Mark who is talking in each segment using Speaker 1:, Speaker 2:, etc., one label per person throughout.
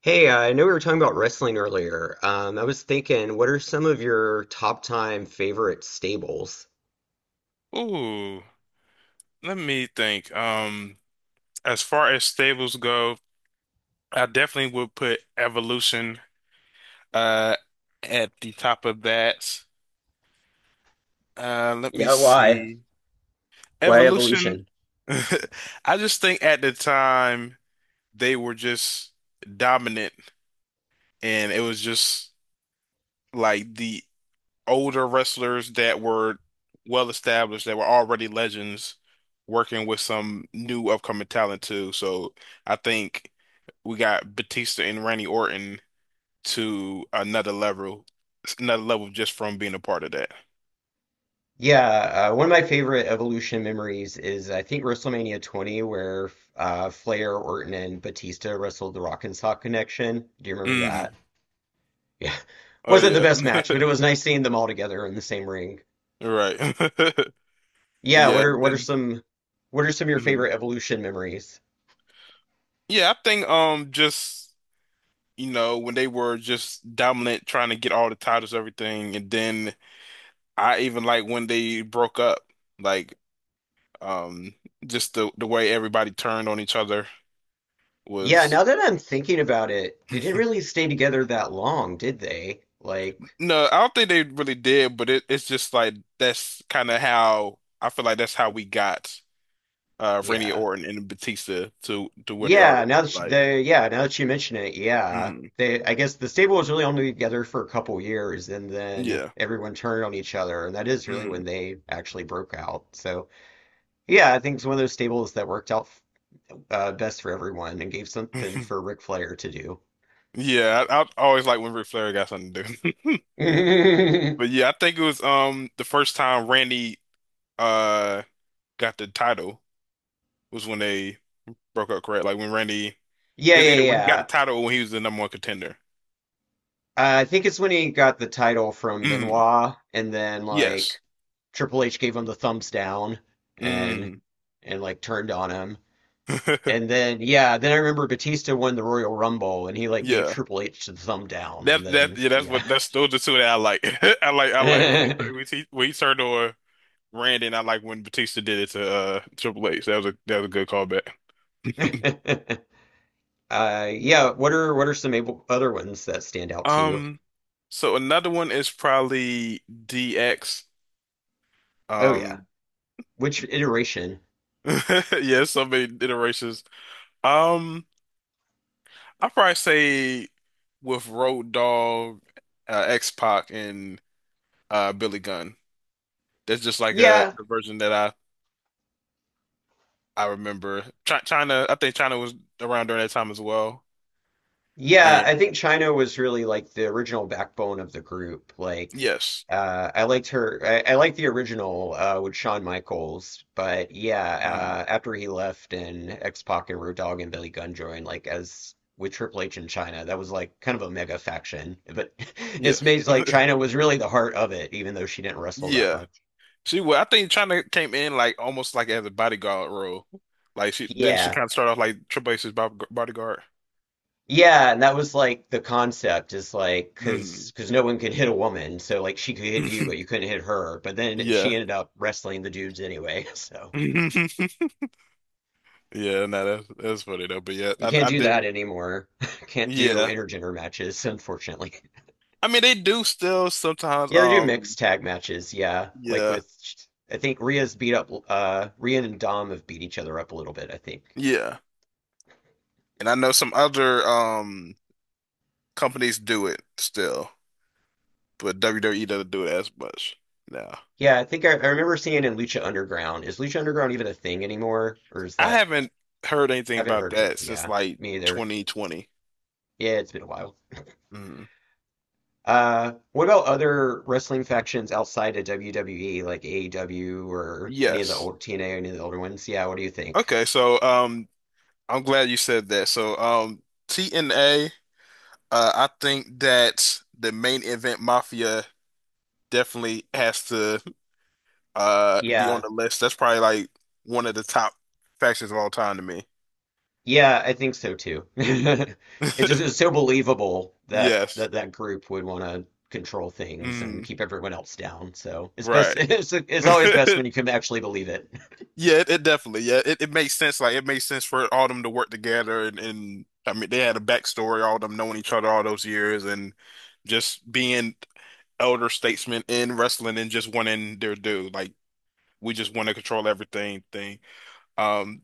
Speaker 1: Hey, I know we were talking about wrestling earlier. I was thinking, what are some of your top time favorite stables?
Speaker 2: Ooh, let me think. As far as stables go, I definitely would put Evolution uh at the top of that. Let me
Speaker 1: Yeah, why?
Speaker 2: see.
Speaker 1: Why
Speaker 2: Evolution.
Speaker 1: evolution?
Speaker 2: I just think at the time they were just dominant, and it was just like the older wrestlers that were well established, that were already legends, working with some new upcoming talent too. So I think. We got Batista and Randy Orton to another level just from being a part of that.
Speaker 1: Yeah, one of my favorite Evolution memories is I think WrestleMania 20, where Flair, Orton, and Batista wrestled the Rock and Sock Connection. Do you remember
Speaker 2: Mm.
Speaker 1: that? Yeah,
Speaker 2: Oh
Speaker 1: wasn't the
Speaker 2: yeah.
Speaker 1: best match, but it was nice seeing them all together in the same ring.
Speaker 2: Right.
Speaker 1: Yeah,
Speaker 2: Yeah, then
Speaker 1: what are some of your
Speaker 2: mhm.
Speaker 1: favorite Evolution memories?
Speaker 2: Yeah, I think just you know when they were just dominant trying to get all the titles everything and then I even like when they broke up like um just the way everybody turned on each other
Speaker 1: Yeah,
Speaker 2: was.
Speaker 1: now that I'm thinking about it, they didn't really stay together that long, did they? Like,
Speaker 2: No, I don't think they really did, but it's just like that's kind of how I feel like that's how we got Randy
Speaker 1: yeah.
Speaker 2: Orton and Batista to where they are
Speaker 1: Yeah,
Speaker 2: today.
Speaker 1: now that you,
Speaker 2: Like,
Speaker 1: the now that you mention it, yeah.
Speaker 2: mm,
Speaker 1: They I guess the stable was really only together for a couple years and then
Speaker 2: yeah,
Speaker 1: everyone turned on each other, and that is really
Speaker 2: mm.
Speaker 1: when they actually broke out. So, yeah, I think it's one of those stables that worked out best for everyone and gave something for Ric Flair to do.
Speaker 2: Yeah, I always like when Ric Flair got something to do. But yeah, I think it was the first time Randy uh got the title was when they broke up, correct? Like when Randy
Speaker 1: Yeah,
Speaker 2: it's
Speaker 1: yeah,
Speaker 2: either when he got
Speaker 1: yeah.
Speaker 2: the title or when he was the number one contender.
Speaker 1: I think it's when he got the title from
Speaker 2: Mm,
Speaker 1: Benoit, and then
Speaker 2: yes.
Speaker 1: like Triple H gave him the thumbs down and
Speaker 2: Mm.
Speaker 1: and like turned on him. And then yeah, then I remember Batista won the Royal Rumble and he like gave
Speaker 2: Yeah.
Speaker 1: Triple H the thumb down and
Speaker 2: That
Speaker 1: then
Speaker 2: yeah, that's
Speaker 1: yeah.
Speaker 2: what that's those are two that I like. I like when he when he, when he turned on Randy, and I like when Batista did it to Triple H. That was a good callback.
Speaker 1: Yeah, what are some other ones that stand out to you?
Speaker 2: Um, so another one is probably DX.
Speaker 1: Oh yeah.
Speaker 2: Um,
Speaker 1: Which iteration?
Speaker 2: yeah, so many iterations. Um, I'd probably say with Road Dogg, X-Pac, and Billy Gunn. That's just like a,
Speaker 1: Yeah,
Speaker 2: a version that I remember China. I think China was around during that time as well.
Speaker 1: Yeah, I think
Speaker 2: And
Speaker 1: China was really like the original backbone of the group. Like,
Speaker 2: yes,
Speaker 1: I liked her. I liked the original with Shawn Michaels, but yeah,
Speaker 2: mm,
Speaker 1: after he left and X-Pac and Road Dogg and Billy Gunn joined, like as with Triple H in China, that was like kind of a mega faction. But it's
Speaker 2: yes,
Speaker 1: made like China was really the heart of it, even though she didn't wrestle that
Speaker 2: yeah.
Speaker 1: much.
Speaker 2: She well, I think China came in like almost like as a bodyguard role. Like she didn't she
Speaker 1: Yeah.
Speaker 2: kind of start off like Triple H's bodyguard.
Speaker 1: Yeah, and that was like the concept is like
Speaker 2: Mm.
Speaker 1: cuz cuz no one could hit a woman, so like she could hit you but you couldn't hit her, but then she
Speaker 2: Yeah.
Speaker 1: ended up wrestling the dudes anyway. So
Speaker 2: Yeah, no, that's funny though. But yeah,
Speaker 1: you can't
Speaker 2: I
Speaker 1: do that
Speaker 2: did.
Speaker 1: anymore. Can't do
Speaker 2: Yeah,
Speaker 1: intergender matches, unfortunately.
Speaker 2: I mean they do still sometimes.
Speaker 1: Yeah, they do mixed tag matches, yeah. Like
Speaker 2: Yeah,
Speaker 1: with I think Rhea's beat up Rhea and Dom have beat each other up a little bit, I think.
Speaker 2: yeah, and I know some other companies do it still, but WWE doesn't do it as much now.
Speaker 1: Yeah, I think I remember seeing in Lucha Underground. Is Lucha Underground even a thing anymore? Or is
Speaker 2: I
Speaker 1: that
Speaker 2: haven't heard
Speaker 1: I
Speaker 2: anything
Speaker 1: haven't
Speaker 2: about
Speaker 1: heard it.
Speaker 2: that since
Speaker 1: Yeah,
Speaker 2: like
Speaker 1: me either.
Speaker 2: 2020.
Speaker 1: Yeah, it's been a while.
Speaker 2: Mhm.
Speaker 1: What about other wrestling factions outside of WWE, like AEW or any of the
Speaker 2: Yes.
Speaker 1: old TNA, any of the older ones? Yeah, what do you think?
Speaker 2: Okay, so I'm glad you said that. So TNA, I think that the main event Mafia definitely has to be on
Speaker 1: Yeah.
Speaker 2: the list. That's probably like one of the top factions of all time to me.
Speaker 1: Yeah, I think so too. It just is so believable that
Speaker 2: Yes.
Speaker 1: that group would want to control things and
Speaker 2: Mm,
Speaker 1: keep everyone else down. So it's best.
Speaker 2: right.
Speaker 1: It's always best when you can actually believe it.
Speaker 2: Yeah, it definitely. Yeah, it makes sense. Like it makes sense for all them to work together, and I mean they had a backstory, all them knowing each other all those years, and just being elder statesmen in wrestling and just wanting their due. Like we just want to control everything thing. Um,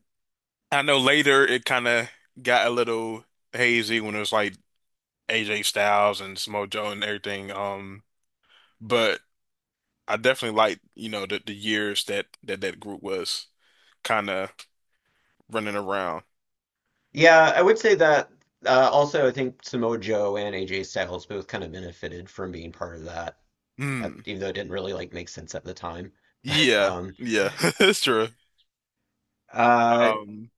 Speaker 2: I know later it kind of got a little hazy when it was like AJ Styles and Samoa Joe and everything. But I definitely like you know the years that that group was kind of running around.
Speaker 1: Yeah, I would say that also I think Samoa Joe and AJ Styles both kind of benefited from being part of that, at,
Speaker 2: Mm.
Speaker 1: even though it didn't really like make sense at the time.
Speaker 2: Yeah,
Speaker 1: Um,
Speaker 2: yeah, it's true.
Speaker 1: uh,
Speaker 2: Um,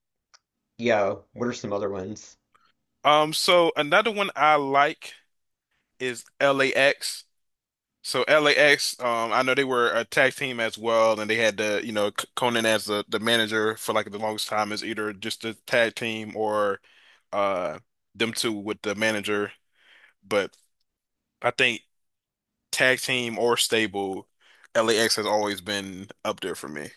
Speaker 1: yeah, what are some other ones?
Speaker 2: so another one I like is LAX. So LAX, I know they were a tag team as well, and they had the, you know, Conan as the manager for like the longest time as either just a tag team or uh them two with the manager. But I think tag team or stable, LAX has always been up there for me.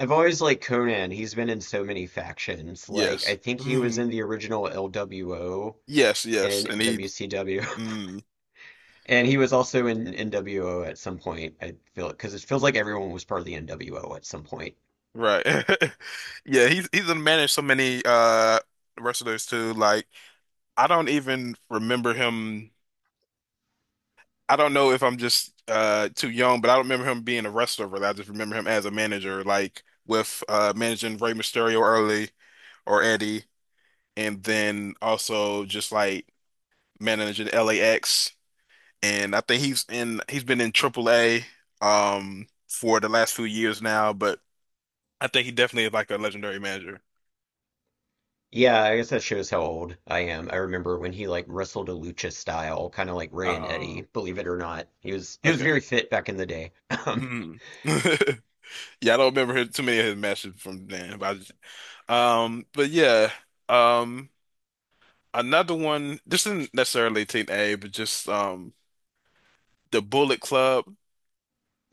Speaker 1: I've always liked Conan. He's been in so many factions. Like I
Speaker 2: Yes.
Speaker 1: think he was in the original LWO
Speaker 2: Yes, yes. And
Speaker 1: and
Speaker 2: he
Speaker 1: WCW,
Speaker 2: mm.
Speaker 1: and he was also in NWO at some point. I feel because it feels like everyone was part of the NWO at some point.
Speaker 2: Right. Yeah, he's done managed so many wrestlers too. Like I don't even remember him. I don't know if I'm just too young, but I don't remember him being a wrestler really. I just remember him as a manager, like with managing Rey Mysterio early or Eddie, and then also just like managing LAX. And I think he's in he's been in AAA for the last few years now, but I think he definitely is like a legendary manager.
Speaker 1: Yeah, I guess that shows how old I am. I remember when he like wrestled a lucha style, kind of like Ray and Eddie,
Speaker 2: Uh
Speaker 1: believe it or not. He was
Speaker 2: okay.
Speaker 1: very fit back in the day. Um,
Speaker 2: Mm. Yeah, I don't remember his, too many of his matches from then, but but yeah, um, another one. This isn't necessarily Team A, but just the Bullet Club.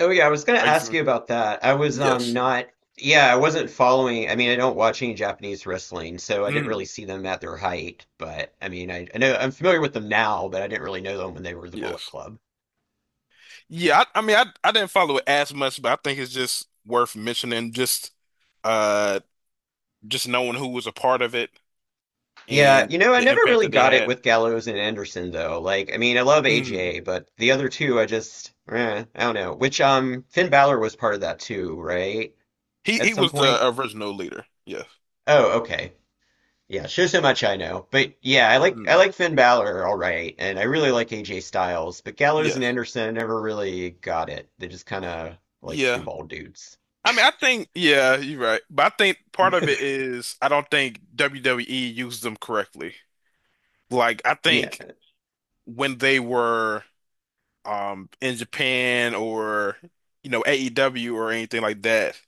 Speaker 1: oh yeah, I was gonna
Speaker 2: Are you
Speaker 1: ask
Speaker 2: from?
Speaker 1: you about that. I was
Speaker 2: Yes.
Speaker 1: not yeah, I wasn't following. I mean, I don't watch any Japanese wrestling, so I didn't
Speaker 2: Mm,
Speaker 1: really see them at their height. But I mean, I know I'm familiar with them now, but I didn't really know them when they were the Bullet
Speaker 2: yes.
Speaker 1: Club.
Speaker 2: Yeah. I mean, I didn't follow it as much, but I think it's just worth mentioning. Uh, just knowing who was a part of it
Speaker 1: Yeah,
Speaker 2: and
Speaker 1: you know, I
Speaker 2: the
Speaker 1: never
Speaker 2: impact
Speaker 1: really
Speaker 2: that they
Speaker 1: got it
Speaker 2: had.
Speaker 1: with Gallows and Anderson though. Like, I mean, I love
Speaker 2: Mm.
Speaker 1: AJ, but the other two, I just, eh, I don't know. Which, Finn Balor was part of that too, right? At
Speaker 2: He
Speaker 1: some
Speaker 2: was the
Speaker 1: point.
Speaker 2: original leader. Yes.
Speaker 1: Oh, okay. Yeah, shows how much I know. But yeah, I
Speaker 2: Mm.
Speaker 1: like Finn Balor, all right, and I really like AJ Styles, but Gallows and
Speaker 2: Yes.
Speaker 1: Anderson never really got it. They just kind of like two
Speaker 2: Yeah.
Speaker 1: bald dudes.
Speaker 2: I mean, I think, yeah, you're right. But I think part of it is I don't think WWE used them correctly. Like, I think
Speaker 1: Yeah,
Speaker 2: when they were in Japan or, you know, AEW or anything like that,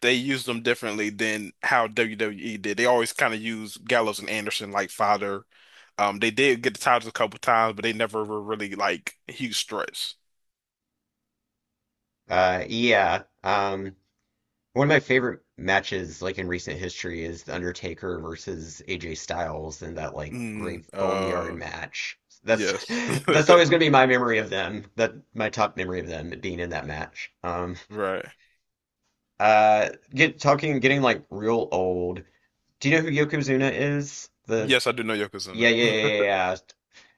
Speaker 2: they used them differently than how WWE did. They always kind of used Gallows and Anderson like fodder. They did get the titles a couple times, but they never were really like huge threats.
Speaker 1: yeah. One of my favorite matches, like in recent history, is The Undertaker versus AJ Styles in that like
Speaker 2: Mm,
Speaker 1: grave boneyard match. That's
Speaker 2: yes.
Speaker 1: that's always gonna be my memory of them. That my top memory of them being in that match.
Speaker 2: Right.
Speaker 1: Get talking, getting like real old. Do you know who Yokozuna is? The
Speaker 2: Yes, I do know
Speaker 1: yeah,
Speaker 2: Yokozuna.
Speaker 1: yeah, yeah, yeah. yeah.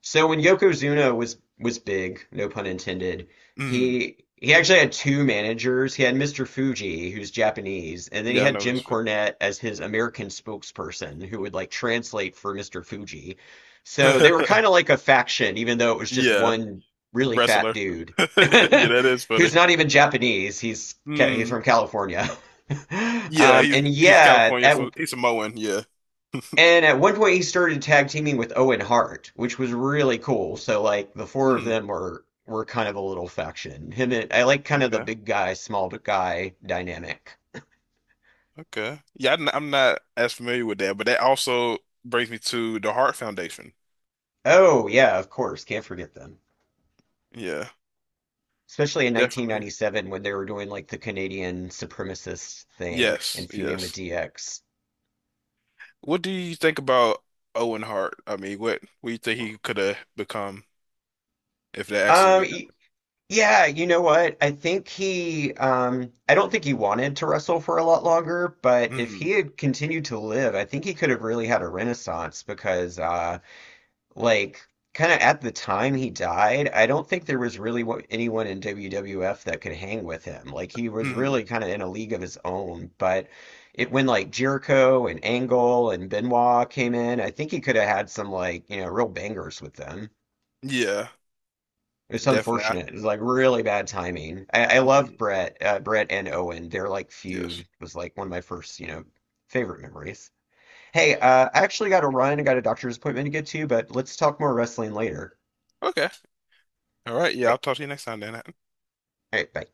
Speaker 1: So when Yokozuna was big, no pun intended,
Speaker 2: Mm.
Speaker 1: he actually had two managers. He had Mr. Fuji, who's Japanese, and then he
Speaker 2: Yeah, I
Speaker 1: had
Speaker 2: know
Speaker 1: Jim
Speaker 2: it's funny.
Speaker 1: Cornette as his American spokesperson, who would like translate for Mr. Fuji. So they were kind of like a faction, even though it was just
Speaker 2: Yeah,
Speaker 1: one really fat
Speaker 2: wrestler.
Speaker 1: dude
Speaker 2: Yeah, that is
Speaker 1: who's
Speaker 2: funny.
Speaker 1: not even Japanese. He's from
Speaker 2: Hmm.
Speaker 1: California.
Speaker 2: Yeah,
Speaker 1: Um, and
Speaker 2: he's
Speaker 1: yeah,
Speaker 2: California,
Speaker 1: at
Speaker 2: so he's Samoan. Yeah.
Speaker 1: and at one point, he started tag teaming with Owen Hart, which was really cool. So like the four of
Speaker 2: Hmm.
Speaker 1: them were kind of a little faction. Him and I like kind of the
Speaker 2: Okay.
Speaker 1: big guy, small guy dynamic.
Speaker 2: Okay. Yeah, I'm not as familiar with that, but that also brings me to the Heart Foundation.
Speaker 1: Oh yeah, of course, can't forget them.
Speaker 2: Yeah,
Speaker 1: Especially in
Speaker 2: definitely.
Speaker 1: 1997 when they were doing like the Canadian supremacist thing
Speaker 2: Yes.
Speaker 1: and feuding with
Speaker 2: Yes.
Speaker 1: DX.
Speaker 2: What do you think about Owen Hart? I mean, what do you think he could have become if that
Speaker 1: Um,
Speaker 2: accident had
Speaker 1: Yeah, you know what? I think I don't think he wanted to wrestle for a lot longer, but if he
Speaker 2: happened?
Speaker 1: had continued to live, I think he could have really had a renaissance because, like, kind of at the time he died, I don't think there was really anyone in WWF that could hang with him. Like, he was
Speaker 2: Hmm hmm.
Speaker 1: really kind of in a league of his own. But it, when like Jericho and Angle and Benoit came in, I think he could have had some, like, you know, real bangers with them.
Speaker 2: Yeah,
Speaker 1: It's
Speaker 2: definitely.
Speaker 1: unfortunate. It's like really bad timing. I love
Speaker 2: Mhm.
Speaker 1: Brett and Owen. Their like
Speaker 2: Yes.
Speaker 1: feud was like one of my first, you know, favorite memories. Hey, I actually got to run. I got a doctor's appointment to get to, but let's talk more wrestling later.
Speaker 2: Okay. All right. Yeah,
Speaker 1: All right,
Speaker 2: I'll talk to you next time, Dan.
Speaker 1: all right, bye.